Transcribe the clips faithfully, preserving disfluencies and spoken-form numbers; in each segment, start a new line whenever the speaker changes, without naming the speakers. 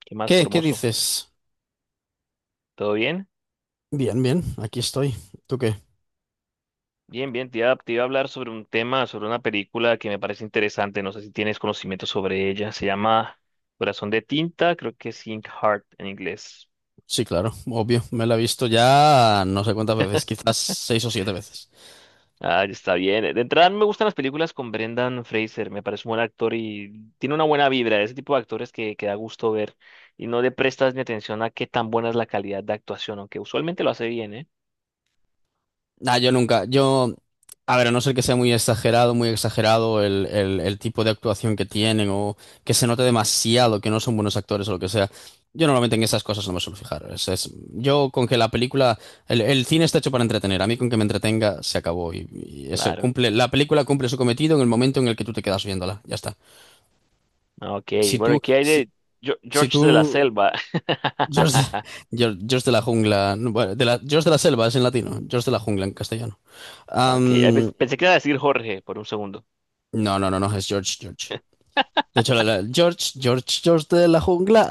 ¿Qué más,
¿Qué? ¿Qué
Formoso?
dices?
¿Todo bien?
Bien, bien, aquí estoy. ¿Tú qué?
Bien, bien. Te iba, te iba a hablar sobre un tema, sobre una película que me parece interesante. No sé si tienes conocimiento sobre ella. Se llama Corazón de Tinta, creo que es Ink Heart en inglés.
Sí, claro, obvio. Me la he visto ya no sé cuántas veces, quizás seis o siete veces.
Ah, ya está bien. De entrada, me gustan las películas con Brendan Fraser. Me parece un buen actor y tiene una buena vibra. Ese tipo de actores que, que da gusto ver y no le prestas ni atención a qué tan buena es la calidad de actuación, aunque usualmente lo hace bien, ¿eh?
Nah, yo nunca, yo, a ver, a no ser que sea muy exagerado, muy exagerado el, el, el tipo de actuación que tienen o que se note demasiado que no son buenos actores o lo que sea. Yo normalmente en esas cosas no me suelo fijar. Es, es- yo con que la película, el, el cine está hecho para entretener. A mí con que me entretenga se acabó y, y eso
Claro.
cumple, la película cumple su cometido en el momento en el que tú te quedas viéndola. Ya está.
Ah, ok.
Si
Bueno,
tú,
¿y qué hay
si,
de Jo-
Si
George de la
tú,
Selva?
George de, George, George de la jungla, no, bueno, de la, George de la selva es en latino, George de la jungla en castellano.
Ok, eh,
Am,
pens- pensé que iba a decir Jorge por un segundo.
no, no, no, no, es George, George. De hecho, la- la- George, George, George de la jungla.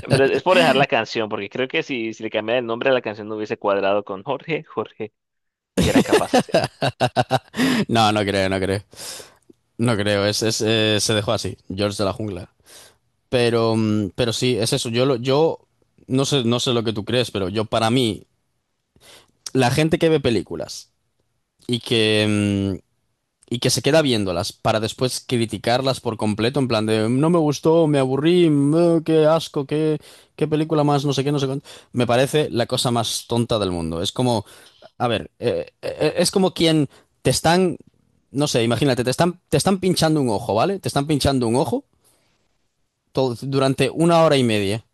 Pero es por dejar la canción, porque creo que si, si le cambiara el nombre a la canción no hubiese cuadrado con Jorge, Jorge, que eran capaces. eh.
No, no creo, no creo. No creo, es, es, eh, se dejó así, George de la jungla. Pero, mm, pero sí, es eso. Yo, lo- yo no sé, no sé lo que tú crees, pero yo para mí, la gente que ve películas y que, mm, y que se queda viéndolas para después criticarlas por completo, en plan de no me gustó, me aburrí, mm, eh, qué asco, qué, qué película más, no sé qué, no sé cuánto. Me parece la cosa más tonta del mundo. Es como, a ver, eh, eh, es como quien te están, no sé, imagínate, te están, te están pinchando un ojo, ¿vale? Te están pinchando un ojo todo- durante una hora y media.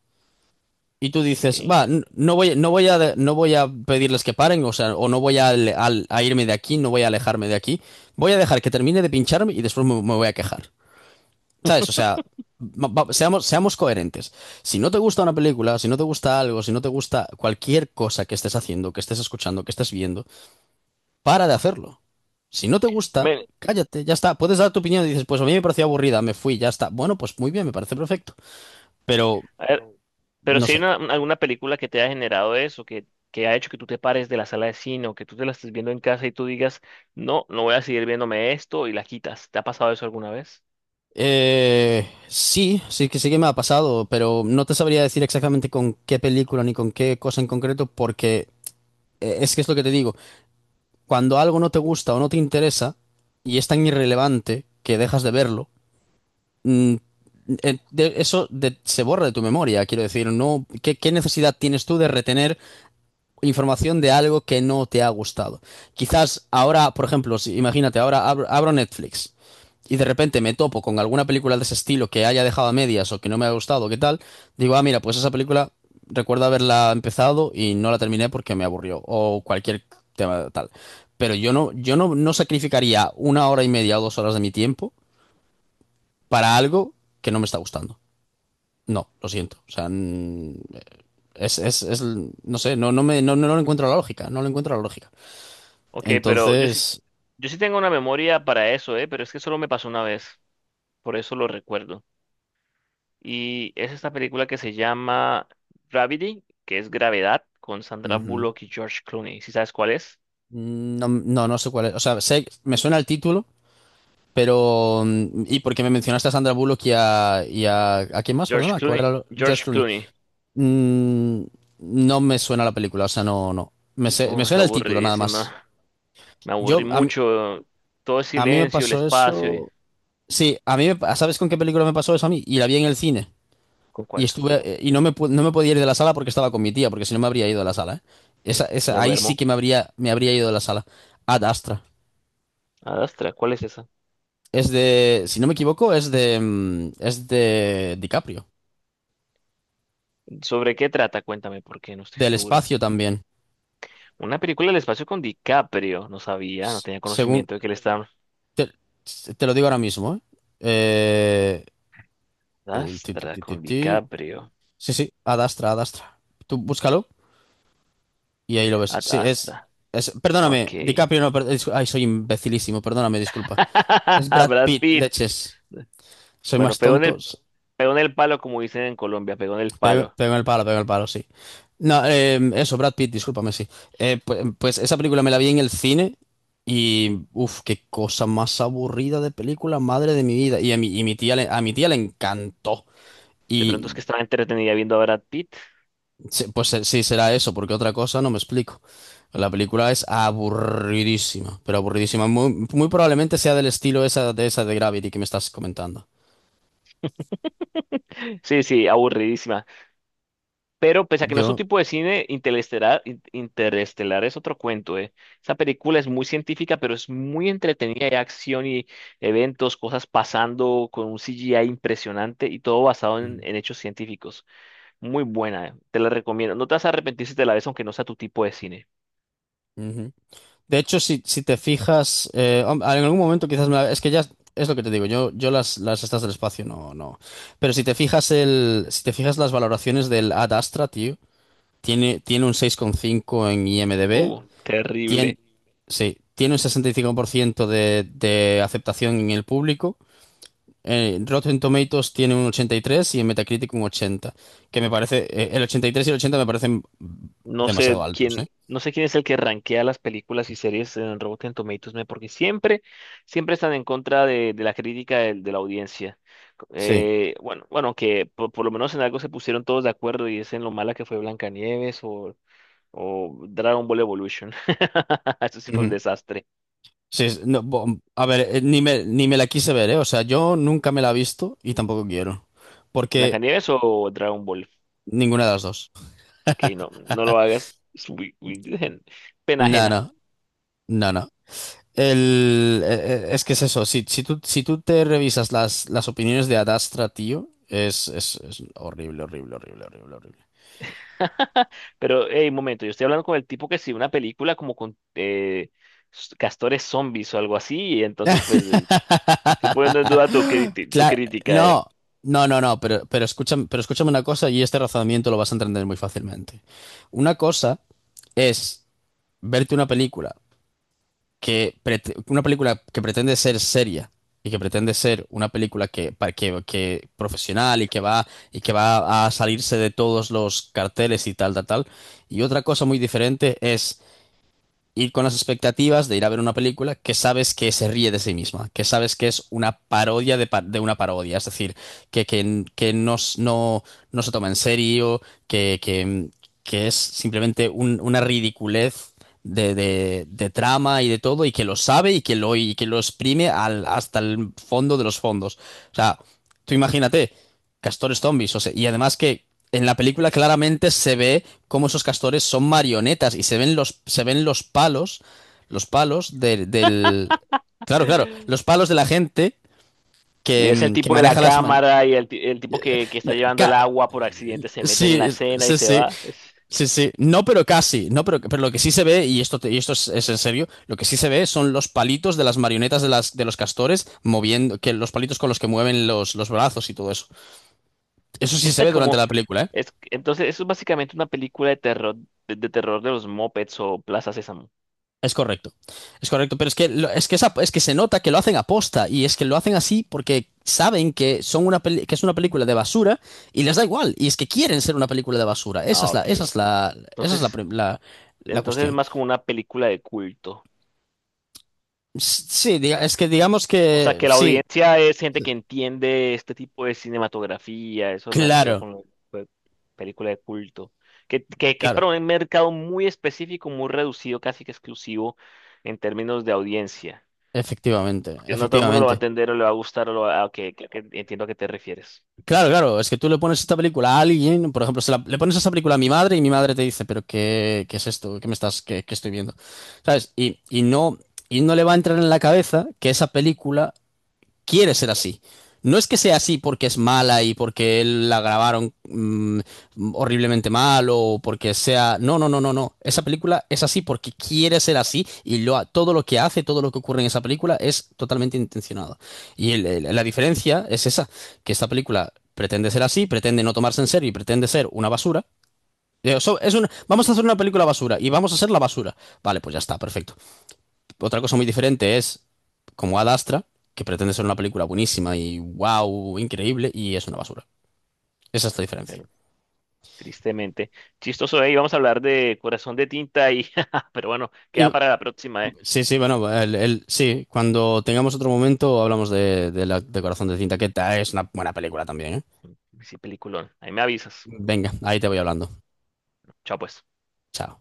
Y tú dices,
Ok.
va, n- no voy, no voy a, no voy a pedirles que paren, o sea, o no voy a, ale- al- a irme de aquí, no voy a alejarme de aquí. Voy a dejar que termine de pincharme y después me, me voy a quejar. ¿Sabes? O sea, va- va- seamos, seamos coherentes. Si no te gusta una película, si no te gusta algo, si no te gusta cualquier cosa que estés haciendo, que estés escuchando, que estés viendo, para de hacerlo. Si no te gusta,
Ven,
cállate, ya está. Puedes dar tu opinión y dices, pues a mí me pareció aburrida, me fui, ya está. Bueno, pues muy bien, me parece perfecto. Pero,
a ver, pero
no
si hay
sé.
una, una- alguna película que te ha generado eso, que, que ha hecho que tú te pares de la sala de cine o que tú te la estés viendo en casa y tú digas, no, no voy a seguir viéndome esto y la quitas. ¿Te ha pasado eso alguna vez?
Eh, sí, sí que sí que me ha pasado, pero no te sabría decir exactamente con qué película ni con qué cosa en concreto, porque eh, es que es lo que te digo, cuando algo no te gusta o no te interesa y es tan irrelevante que dejas de verlo, mm, eh, de- eso de- se borra de tu memoria, quiero decir, no, ¿qué, qué necesidad tienes tú de retener información de algo que no te ha gustado? Quizás ahora, por ejemplo, si, imagínate, ahora abro, abro Netflix y de repente me topo con alguna película de ese estilo que haya dejado a medias o que no me ha gustado, ¿qué tal? Digo, ah, mira, pues esa película recuerdo haberla empezado y no la terminé porque me aburrió o cualquier tema tal. Pero yo no, yo no, no sacrificaría una hora y media o dos horas de mi tiempo para algo que no me está gustando. No, lo siento. O sea, mm, es, es, es- no sé, no, no me, no, no lo encuentro la lógica, no lo encuentro la lógica.
Ok, pero yo sí,
Entonces,
yo sí tengo una memoria para eso, ¿eh? Pero es que solo me pasó una vez, por eso lo recuerdo. Y es esta película que se llama Gravity, que es Gravedad, con Sandra
ujú,
Bullock y George Clooney. ¿Sí sabes cuál es?
no, no, no sé cuál es. O sea, sé, me suena el título, pero, mm, y porque me mencionaste a Sandra Bullock y a, y a, ¿a quién más?
George
Perdona, ¿cuál
Clooney.
era? lo- George
George
Clooney.
Clooney.
Mm, no me suena la película, o sea, no, no. Me, sé- me
Uf, es
suena el título, nada más.
aburridísima. Me aburrí
Yo, a mí,
mucho. Todo el
a mí me
silencio, el
pasó
espacio. y-
eso. Sí, a mí, me pa- ¿sabes con qué película me pasó eso a mí? Y la vi en el cine.
¿Con
Y
cuál?
estuve, y no me, pu- no me podía ir de la sala porque estaba con mi tía, porque si no me habría ido de la sala, ¿eh? Esa,
Uf, me
esa, ahí sí
duermo.
que me habría, me habría ido de la sala. Ad Astra.
Adastra, ¿cuál es esa?
Es de, si no me equivoco, es de, mm, es de DiCaprio.
¿Sobre qué trata? Cuéntame, porque no estoy
Del
seguro.
espacio también.
Una película del espacio con DiCaprio. No sabía, no
S-
tenía
Según,
conocimiento de que él estaba.
te, te lo digo ahora mismo, ¿eh? Eh, el ti, ti,
Adastra,
ti, ti,
con
ti.
DiCaprio.
Sí, sí, Ad Astra, Ad Astra. Tú búscalo y ahí lo ves. Sí, es,
Adastra.
es, perdóname,
Ok.
DiCaprio no, per- dis- ay, soy imbecilísimo, perdóname, disculpa. Es Brad
Brad
Pitt,
Pitt.
leches. Soy
Bueno,
más
pegó en
tonto.
el,
s-
pegó en el palo, como dicen en Colombia, pegó en el
Pego
palo.
en el palo, pego en el palo, sí. No, eh, eso, Brad Pitt, discúlpame, sí. Eh, pues, pues esa película me la vi en el cine y, uff, qué cosa más aburrida de película, madre de mi vida. Y a mi, y mi tía le, a mi tía le encantó.
De pronto es
Y
que estaba entretenida viendo a Brad Pitt.
se- pues se- sí, será eso, porque otra cosa no me explico. La película es aburridísima, pero aburridísima. Muy, muy probablemente sea del estilo esa, de esa de Gravity que me estás comentando.
Sí, sí, aburridísima. Pero pese a que no es su
Yo...
tipo de cine, Interestelar, in- Interestelar es otro cuento, ¿eh? Esa película es muy científica, pero es muy entretenida. Hay acción y eventos, cosas pasando con un C G I impresionante y todo basado en,
Ujú.
en hechos científicos. Muy buena, ¿eh? Te la recomiendo. No te vas a arrepentir si te la ves, aunque no sea tu tipo de cine.
Ujú. De hecho, si, si te fijas, eh, hom- en algún momento quizás me la- es que ya es lo que te digo, yo, yo las, las estas del espacio no, no. Pero si te fijas el, si te fijas las valoraciones del Ad Astra, tío, tiene, tiene un seis coma cinco en I M D b,
Uh,
tiene,
terrible.
sí, tiene un sesenta y cinco por ciento de, de aceptación en el público. eh, Rotten Tomatoes tiene un ochenta y tres y en Metacritic un ochenta que me parece, eh, el ochenta y tres y el ochenta me parecen
No sé
demasiado altos, ¿eh?
quién, no sé quién es el que rankea las películas y series en Rotten Tomatoes, ¿no? porque siempre, siempre están en contra de, de la crítica del- de la audiencia.
Sí.
Eh, bueno, bueno, que por, por lo menos en algo se pusieron todos de acuerdo y es en lo mala que fue Blancanieves o, o Dragon Ball Evolution. Eso sí fue un desastre.
Sí, es- no, bo- a ver, eh, ni me, ni me la quise ver, ¿eh? O sea, yo nunca me la he visto y tampoco quiero. Porque
¿Blancanieves o Dragon Ball?
ninguna de las dos.
Ok, no, no lo hagas. Es muy- muy pena
No,
ajena.
no, no, no. El, eh, eh, es que es eso, si, si tú, si tú te revisas las, las opiniones de Adastra, tío, es, es, es horrible, horrible, horrible, horrible, horrible.
Pero, hey, un momento, yo estoy hablando con el tipo que sí, una película como con eh, s- castores zombies o algo así, y entonces, pues, eh, estoy poniendo en duda tu, criti- tu
Claro,
crítica, eh.
no, no, no, no, pero, pero escúchame, pero escúchame una cosa y este razonamiento lo vas a entender muy fácilmente. Una cosa es verte una película que prete- una película que pretende ser seria y que pretende ser una película que, para- que, que profesional y que va y que va a salirse de todos los carteles y tal, tal, tal. Y otra cosa muy diferente es ir con las expectativas de ir a ver una película que sabes que se ríe de sí misma, que sabes que es una parodia de, pa- de una parodia, es decir, que, que, que no, s- no, no se toma en serio, que, que, que es simplemente un- una ridiculez de, de, de trama y de todo, y que lo sabe y que lo, y que lo exprime al- hasta el fondo de los fondos. O sea, tú imagínate. Castores zombies, o sea, y además que en la película claramente se ve cómo esos castores son marionetas y se ven los, se ven los palos, los palos de- del... Claro, claro, los palos de la gente
Y
que,
ves el
mm, que
tipo de la
maneja las marionetas.
cámara y el, ti- el tipo que, que está llevando el agua por accidente se mete en la
Sí,
escena y
sí,
se
sí,
va. Es
sí, sí. No, pero casi, no, pero, pero lo que sí se ve, y esto, te- y esto es, es en serio, lo que sí se ve son los palitos de las marionetas de las, de los castores moviendo, que los palitos con los que mueven los, los brazos y todo eso. Eso sí se ve durante
como,
la película, ¿eh?
es, entonces, eso es básicamente una película de terror, de, de terror de los Muppets o Plaza Sésamo.
Es correcto, es correcto, pero es que, lo- es que, esa- es que se nota que lo hacen aposta y es que lo hacen así porque saben que, son una peli- que es una película de basura y les da igual y es que quieren ser una película de basura. Esa
Ah,
es la,
ok.
esa es la, esa es la,
Entonces,
prim- la la
entonces es
cuestión.
más como una película de culto.
S- Sí, diga- es que digamos
O sea,
que
que la
sí,
audiencia es gente que entiende este tipo de cinematografía, eso me refiero
claro,
con lo de película de culto, que, que, que es
claro,
para un mercado muy específico, muy reducido, casi que exclusivo en términos de audiencia.
efectivamente,
Porque no todo el mundo lo va a
efectivamente.
entender o le va a gustar, o lo va a- que, que- que entiendo a qué te refieres.
Claro, claro, es que tú le pones esta película a alguien, por ejemplo, se la- le pones esta película a mi madre y mi madre te dice, pero ¿qué, qué es esto? ¿Qué me estás, qué, qué estoy viendo? ¿Sabes? Y, y no, y no le va a entrar en la cabeza que esa película quiere ser así. No es que sea así porque es mala y porque él la grabaron mm, horriblemente mal o porque sea... No, no, no, no, no. Esa película es así porque quiere ser así y lo ha- todo lo que hace, todo lo que ocurre en esa película es totalmente intencionado. Y el- el- la diferencia es esa, que esta película pretende ser así, pretende no tomarse en serio y pretende ser una basura. Eh, so- es una- vamos a hacer una película basura y vamos a ser la basura. Vale, pues ya está, perfecto. Otra cosa muy diferente es como Ad Astra, que pretende ser una película buenísima y wow, increíble, y es una basura. Esa es la diferencia.
Bueno, tristemente. Chistoso, ahí vamos a hablar de Corazón de Tinta y... Pero bueno, queda
Y,
para la próxima, ¿eh?
sí, sí, bueno, el, el- sí, cuando tengamos otro momento hablamos de, de la, de Corazón de Cinta, que ta- es una buena película también, ¿eh?
Sí, peliculón. Ahí me avisas.
Venga, ahí te voy hablando.
Chao, pues.
Chao.